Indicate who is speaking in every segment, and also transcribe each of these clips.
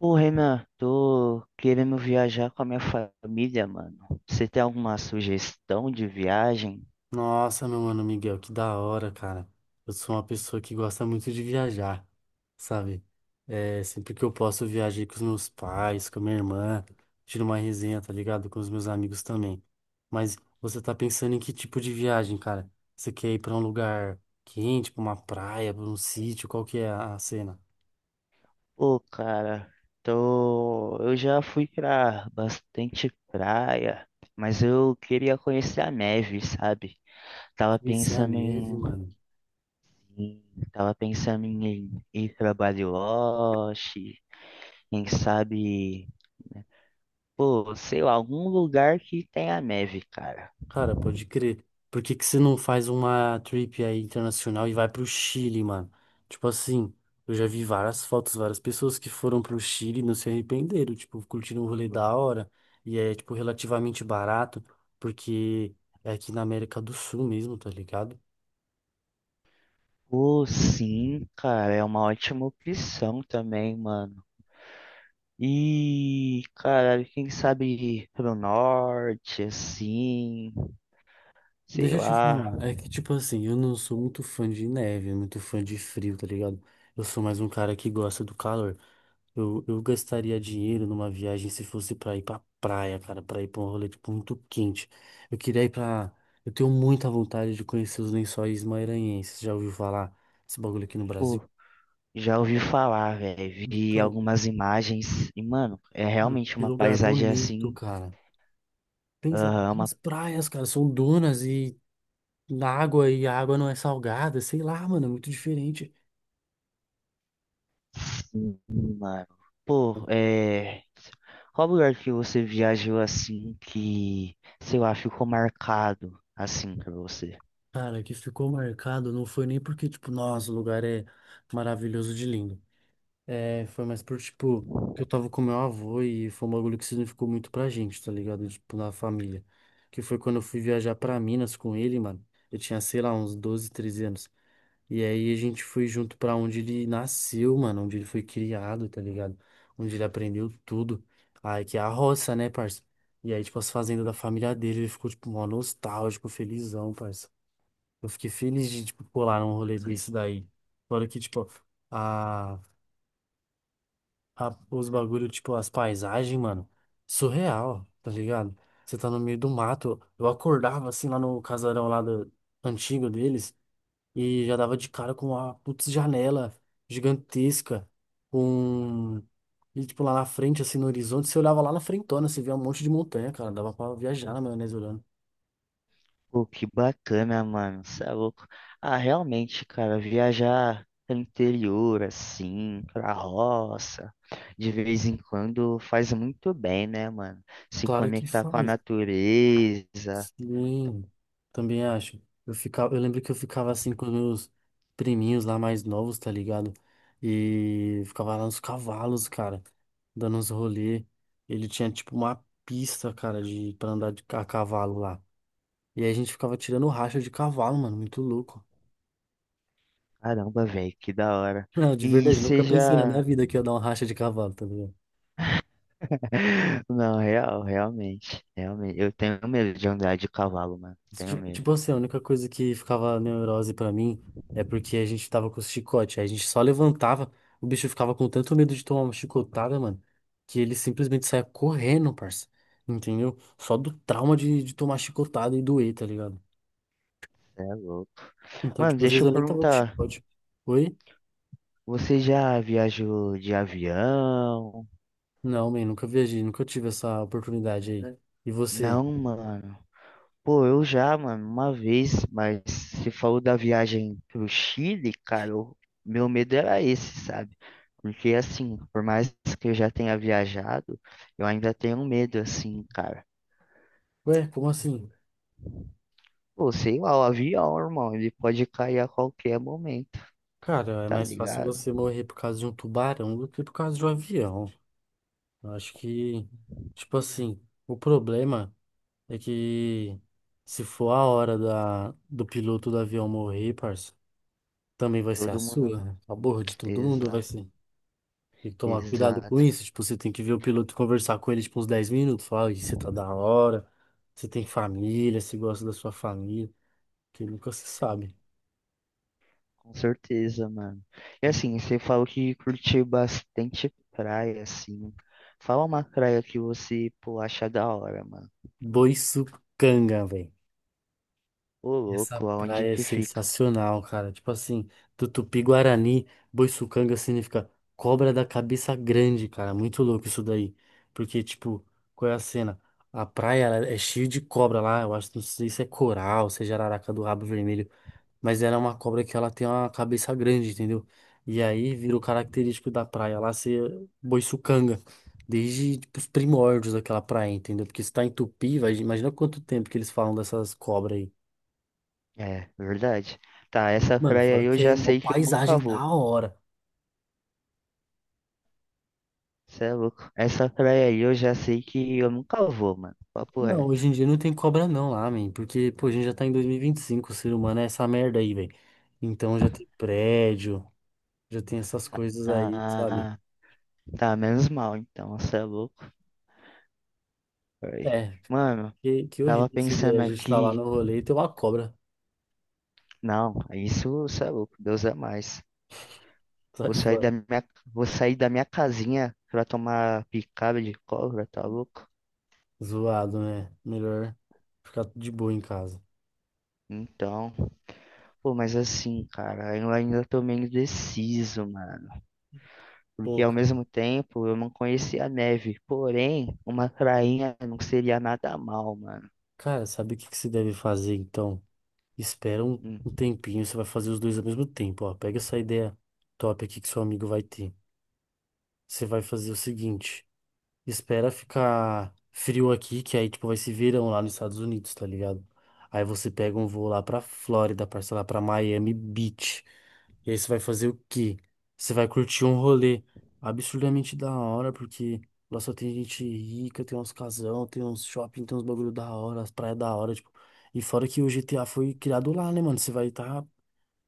Speaker 1: Ô, Renan, tô querendo viajar com a minha família, mano. Você tem alguma sugestão de viagem?
Speaker 2: Nossa, meu mano Miguel, que da hora, cara. Eu sou uma pessoa que gosta muito de viajar, sabe? É, sempre que eu posso, eu viajei com os meus pais, com a minha irmã, tiro uma resenha, tá ligado? Com os meus amigos também. Mas você tá pensando em que tipo de viagem, cara? Você quer ir pra um lugar quente, pra uma praia, pra um sítio? Qual que é a cena?
Speaker 1: Pô, cara, tô... eu já fui pra bastante praia, mas eu queria conhecer a neve, sabe? Tava
Speaker 2: Conhecer a
Speaker 1: pensando
Speaker 2: neve, mano.
Speaker 1: em- tava pensando em ir pra Bariloche, quem sabe, pô, sei lá, algum lugar que tenha neve, cara.
Speaker 2: Cara, pode crer. Por que que você não faz uma trip aí internacional e vai pro Chile, mano? Tipo assim, eu já vi várias fotos, várias pessoas que foram pro Chile e não se arrependeram, tipo, curtiram um rolê da hora e é, tipo, relativamente barato, porque é aqui na América do Sul mesmo, tá ligado?
Speaker 1: Pô, sim, cara, é uma ótima opção também, mano. E, cara, quem sabe pro norte, assim, sei
Speaker 2: Deixa eu te
Speaker 1: lá.
Speaker 2: falar, é que, tipo assim, eu não sou muito fã de neve, muito fã de frio, tá ligado? Eu sou mais um cara que gosta do calor. Eu gastaria dinheiro numa viagem se fosse pra ir pra praia, cara, pra ir pra um rolê tipo, muito quente. Eu queria ir pra. Eu tenho muita vontade de conhecer os Lençóis Maranhenses. Já ouviu falar esse bagulho aqui no
Speaker 1: Pô,
Speaker 2: Brasil?
Speaker 1: já ouvi falar, velho. Vi
Speaker 2: Então,
Speaker 1: algumas imagens e, mano, é
Speaker 2: mano,
Speaker 1: realmente
Speaker 2: que
Speaker 1: uma
Speaker 2: lugar
Speaker 1: paisagem
Speaker 2: bonito,
Speaker 1: assim,
Speaker 2: cara. Pensa,
Speaker 1: aham, uma.
Speaker 2: as praias, cara, são dunas e na água e a água não é salgada, sei lá, mano, é muito diferente.
Speaker 1: Sim, mano. Pô, é. Qual lugar que você viajou assim que, sei lá, ficou marcado assim pra você?
Speaker 2: Cara, que ficou marcado não foi nem porque, tipo, nossa, o lugar é maravilhoso de lindo. É, foi mais por, tipo, que eu tava com meu avô e foi um bagulho que significou muito pra gente, tá ligado? Tipo, na família. Que foi quando eu fui viajar pra Minas com ele, mano. Eu tinha, sei lá, uns 12 13 anos. E aí a gente foi junto pra onde ele nasceu, mano, onde ele foi criado, tá ligado? Onde ele aprendeu tudo. Aí que é a roça, né, parça? E aí, tipo, as fazendas da família dele, ele ficou, tipo, mó nostálgico, felizão, parça. Eu fiquei feliz de, tipo, colar num rolê desse daí. Fora que, tipo, a os bagulho, tipo, as paisagens, mano, surreal, tá ligado? Você tá no meio do mato. Eu acordava assim lá no casarão lá do, antigo deles e já dava de cara com uma putz janela gigantesca, com. E, tipo, lá na frente, assim, no horizonte, você olhava lá na frentona, você via um monte de montanha, cara. Dava pra viajar na maionese olhando.
Speaker 1: Pô, que bacana, mano. Cê é louco. Ah, realmente, cara, viajar pro interior, assim, pra roça, de vez em quando faz muito bem, né, mano? Se
Speaker 2: Claro que
Speaker 1: conectar com a
Speaker 2: faz.
Speaker 1: natureza.
Speaker 2: Sim, também acho. Eu ficava, eu lembro que eu ficava assim com meus priminhos lá mais novos, tá ligado? E ficava lá nos cavalos, cara, dando uns rolê. Ele tinha tipo uma pista, cara, de para andar a cavalo lá. E aí a gente ficava tirando racha de cavalo, mano, muito louco.
Speaker 1: Caramba, velho, que da hora.
Speaker 2: Não, de
Speaker 1: E
Speaker 2: verdade, nunca pensei na minha
Speaker 1: seja.
Speaker 2: vida que ia dar uma racha de cavalo, tá ligado?
Speaker 1: Não, realmente. Realmente. Eu tenho medo de andar de cavalo, mano. Tenho
Speaker 2: Tipo, tipo
Speaker 1: medo.
Speaker 2: assim, a única coisa que ficava neurose pra mim é porque a gente tava com o chicote. Aí a gente só levantava, o bicho ficava com tanto medo de tomar uma chicotada, mano, que ele simplesmente saia correndo, parça. Entendeu? Só do trauma de tomar chicotada e doer, tá ligado?
Speaker 1: Cê é louco.
Speaker 2: Então,
Speaker 1: Mano,
Speaker 2: tipo, às
Speaker 1: deixa
Speaker 2: vezes
Speaker 1: eu
Speaker 2: eu nem tava com
Speaker 1: perguntar.
Speaker 2: chicote. Oi?
Speaker 1: Você já viajou de avião?
Speaker 2: Não, man, nunca viajei, nunca tive essa oportunidade aí. É. E você?
Speaker 1: Não, mano. Pô, eu já, mano, uma vez, mas você falou da viagem pro Chile, cara, o meu medo era esse, sabe? Porque assim, por mais que eu já tenha viajado, eu ainda tenho medo, assim, cara.
Speaker 2: Ué, como assim?
Speaker 1: Pô, sei lá, o avião, irmão, ele pode cair a qualquer momento,
Speaker 2: Cara, é
Speaker 1: tá
Speaker 2: mais fácil
Speaker 1: ligado?
Speaker 2: você morrer por causa de um tubarão do que por causa de um avião. Eu acho que, tipo assim, o problema é que se for a hora do piloto do avião morrer, parça, também vai ser
Speaker 1: Todo
Speaker 2: a
Speaker 1: mundo.
Speaker 2: sua, né? A borra de todo mundo vai
Speaker 1: Exato,
Speaker 2: ser. Tem que tomar cuidado com
Speaker 1: exato.
Speaker 2: isso. Tipo, você tem que ver o piloto e conversar com ele, tipo, uns 10 minutos. Falar, "Ih, você tá da hora, você tem família, você gosta da sua família, que nunca se sabe."
Speaker 1: Com certeza, mano. E assim, você falou que curtiu bastante praia, assim. Fala uma praia que você, pô, acha da hora, mano.
Speaker 2: Boi sucanga, velho.
Speaker 1: Ô,
Speaker 2: Essa
Speaker 1: louco, aonde
Speaker 2: praia é
Speaker 1: que fica?
Speaker 2: sensacional, cara. Tipo assim, do Tupi-Guarani, Boiçucanga significa cobra da cabeça grande, cara. Muito louco isso daí. Porque, tipo, qual é a cena? A praia ela é cheia de cobra lá. Eu acho, não sei se é coral, se é jararaca do rabo vermelho. Mas ela é uma cobra que ela tem uma cabeça grande, entendeu? E aí vira o característico da praia lá ser Boiçucanga. Desde, tipo, os primórdios daquela praia, entendeu? Porque se tá em Tupi, vai, imagina quanto tempo que eles falam dessas cobras aí.
Speaker 1: É, verdade. Tá,
Speaker 2: E,
Speaker 1: essa
Speaker 2: mano,
Speaker 1: praia aí
Speaker 2: fora
Speaker 1: eu
Speaker 2: que é
Speaker 1: já
Speaker 2: uma
Speaker 1: sei que eu nunca
Speaker 2: paisagem
Speaker 1: vou.
Speaker 2: da hora.
Speaker 1: Cê é louco. Essa praia aí eu já sei que eu nunca vou, mano. Papo
Speaker 2: Não,
Speaker 1: reto.
Speaker 2: hoje em dia não tem cobra não lá, man, porque, pô, a gente já tá em dois mil e vinte e cinco, o ser humano é essa merda aí, velho. Então já tem prédio, já tem essas coisas aí, sabe?
Speaker 1: Ah, tá, menos mal então, cê é louco. Aí.
Speaker 2: É,
Speaker 1: Mano,
Speaker 2: que
Speaker 1: tava
Speaker 2: horrível seria
Speaker 1: pensando
Speaker 2: a gente estar lá no
Speaker 1: aqui.
Speaker 2: rolê e ter uma cobra.
Speaker 1: Não, isso cê é louco, Deus é mais.
Speaker 2: Sai
Speaker 1: Vou sair
Speaker 2: fora.
Speaker 1: da minha, Vou sair da minha casinha pra tomar picada de cobra, tá louco?
Speaker 2: Zoado, né? Melhor ficar de boa em casa.
Speaker 1: Então, pô, mas assim, cara, eu ainda tô meio indeciso, mano, porque
Speaker 2: Pô,
Speaker 1: ao
Speaker 2: cara,
Speaker 1: mesmo tempo eu não conhecia a neve, porém uma prainha não seria nada mal, mano.
Speaker 2: cara, sabe o que que você deve fazer então? Espera um,
Speaker 1: Hum.
Speaker 2: um tempinho, você vai fazer os dois ao mesmo tempo, ó. Pega essa ideia top aqui que seu amigo vai ter. Você vai fazer o seguinte: espera ficar frio aqui, que aí, tipo, vai ser verão lá nos Estados Unidos, tá ligado? Aí você pega um voo lá pra Flórida, parça, lá pra Miami Beach. E aí você vai fazer o quê? Você vai curtir um rolê absurdamente da hora, porque lá só tem gente rica, tem uns casão, tem uns shopping, tem uns bagulho da hora, as praias da hora, tipo. E fora que o GTA foi criado lá, né, mano? Você vai tá.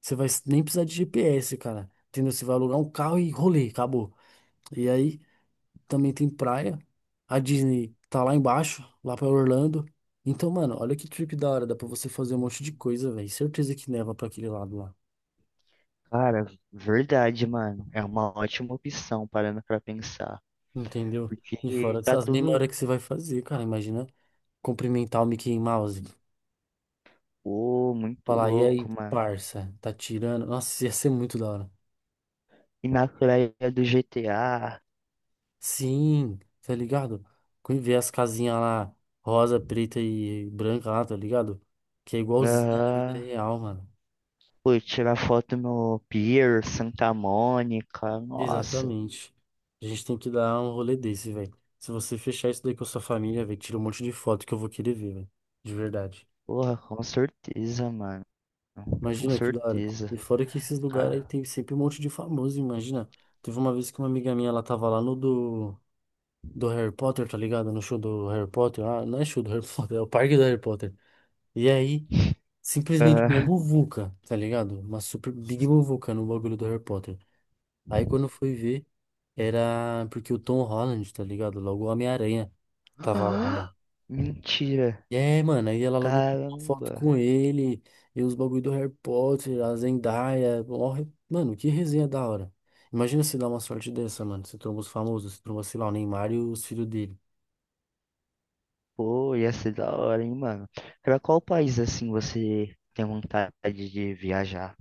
Speaker 2: Você vai nem precisar de GPS, cara. Entendeu? Você vai alugar um carro e rolê, acabou. E aí também tem praia. A Disney tá lá embaixo, lá pra Orlando. Então, mano, olha que trip da hora, dá pra você fazer um monte de coisa, velho. Certeza que neva pra aquele lado lá,
Speaker 1: Cara, verdade, mano, é uma ótima opção parando pra pensar,
Speaker 2: entendeu? E
Speaker 1: porque
Speaker 2: fora
Speaker 1: tá
Speaker 2: essas
Speaker 1: tudo,
Speaker 2: memórias que você vai fazer, cara, imagina cumprimentar o Mickey Mouse,
Speaker 1: pô, muito
Speaker 2: falar, e aí,
Speaker 1: louco, mano.
Speaker 2: parça, tá tirando? Nossa, ia ser muito da hora.
Speaker 1: E na praia do GTA,
Speaker 2: Sim, tá ligado? Quando ver as casinhas lá, rosa, preta e branca lá, tá ligado? Que é igualzinha na vida
Speaker 1: aham,
Speaker 2: real, mano.
Speaker 1: pô, tirar foto no Pier, Santa Mônica, nossa,
Speaker 2: Exatamente. A gente tem que dar um rolê desse, velho. Se você fechar isso daí com a sua família, velho, tira um monte de foto que eu vou querer ver, velho. De verdade.
Speaker 1: porra, com certeza, mano, com
Speaker 2: Imagina que da hora. E
Speaker 1: certeza,
Speaker 2: fora que esses lugares aí tem sempre um monte de famoso, imagina. Teve uma vez que uma amiga minha, ela tava lá no do Harry Potter, tá ligado? No show do Harry Potter. Ah, não é show do Harry Potter, é o parque do Harry Potter. E aí, simplesmente uma
Speaker 1: cara.
Speaker 2: muvuca, tá ligado? Uma super big muvuca no bagulho do Harry Potter. Aí quando eu fui ver, era porque o Tom Holland, tá ligado? Logo o Homem-Aranha tava lá,
Speaker 1: Ah,
Speaker 2: mano.
Speaker 1: mentira.
Speaker 2: E é, mano, aí ela logo tirou uma foto
Speaker 1: Caramba.
Speaker 2: com ele, e os bagulho do Harry Potter, a Zendaya, ó, mano, que resenha da hora. Imagina se dá uma sorte dessa, mano. Você tromba os famosos, você tromba, sei lá, o Neymar e os filhos dele.
Speaker 1: Pô, ia ser da hora, hein, mano. Pra qual país assim você tem vontade de viajar?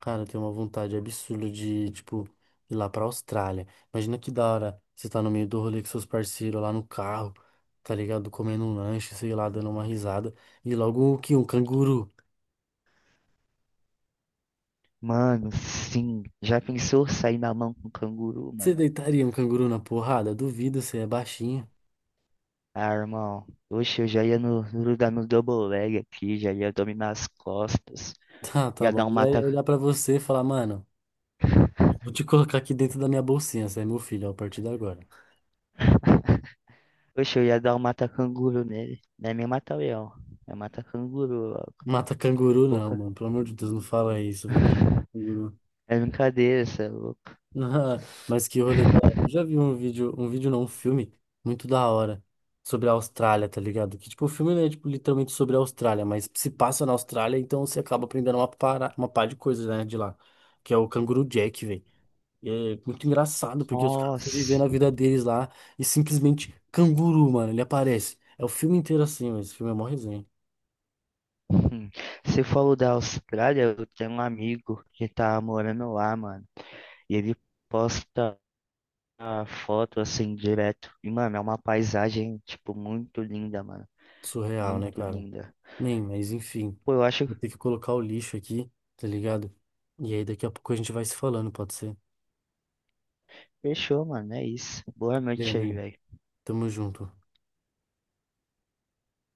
Speaker 2: Cara, eu tenho uma vontade absurda de, tipo, ir lá pra Austrália. Imagina que da hora você tá no meio do rolê com seus parceiros lá no carro, tá ligado? Comendo um lanche, sei lá, dando uma risada. E logo o que? Um canguru.
Speaker 1: Mano, sim. Já pensou sair na mão com um canguru,
Speaker 2: Você
Speaker 1: mano?
Speaker 2: deitaria um canguru na porrada? Duvido, você é baixinho.
Speaker 1: Ah, irmão. Oxe, eu já ia no lugar no double leg aqui, já ia dominar as costas.
Speaker 2: Tá, tá
Speaker 1: Ia dar
Speaker 2: bom.
Speaker 1: um
Speaker 2: Ele
Speaker 1: mata.
Speaker 2: ia olhar pra você e falar, mano, vou te colocar aqui dentro da minha bolsinha, você é meu filho, ó, a partir de agora.
Speaker 1: Oxe, eu ia dar um mata canguru nele. Não é nem mata leão. É mata canguru, ó.
Speaker 2: Mata canguru, não,
Speaker 1: Porra.
Speaker 2: mano. Pelo amor de Deus, não fala isso, vai ter canguru.
Speaker 1: É brincadeira, cê é louco.
Speaker 2: Ah, mas que rolê da hora. Eu já vi um vídeo não, um filme muito da hora sobre a Austrália, tá ligado? Que tipo, o filme não é tipo, literalmente sobre a Austrália, mas se passa na Austrália, então você acaba aprendendo uma pá de coisas, né, de lá. Que é o Canguru Jack, velho. E é muito engraçado, porque os caras estão vivendo
Speaker 1: Nossa,
Speaker 2: a vida deles lá e simplesmente canguru, mano, ele aparece. É o filme inteiro assim, mas esse filme é mó resenha.
Speaker 1: hum, você falou da Austrália, eu tenho um amigo que tá morando lá, mano, e ele posta a foto assim direto, e mano, é uma paisagem, tipo, muito linda, mano,
Speaker 2: Surreal, né,
Speaker 1: muito
Speaker 2: cara?
Speaker 1: linda.
Speaker 2: Nem, mas enfim,
Speaker 1: Pô, eu acho
Speaker 2: vou
Speaker 1: que
Speaker 2: ter que colocar o lixo aqui, tá ligado? E aí daqui a pouco a gente vai se falando, pode ser?
Speaker 1: fechou, mano, é isso. Boa
Speaker 2: Valeu,
Speaker 1: noite aí,
Speaker 2: amigo.
Speaker 1: velho.
Speaker 2: Tamo junto.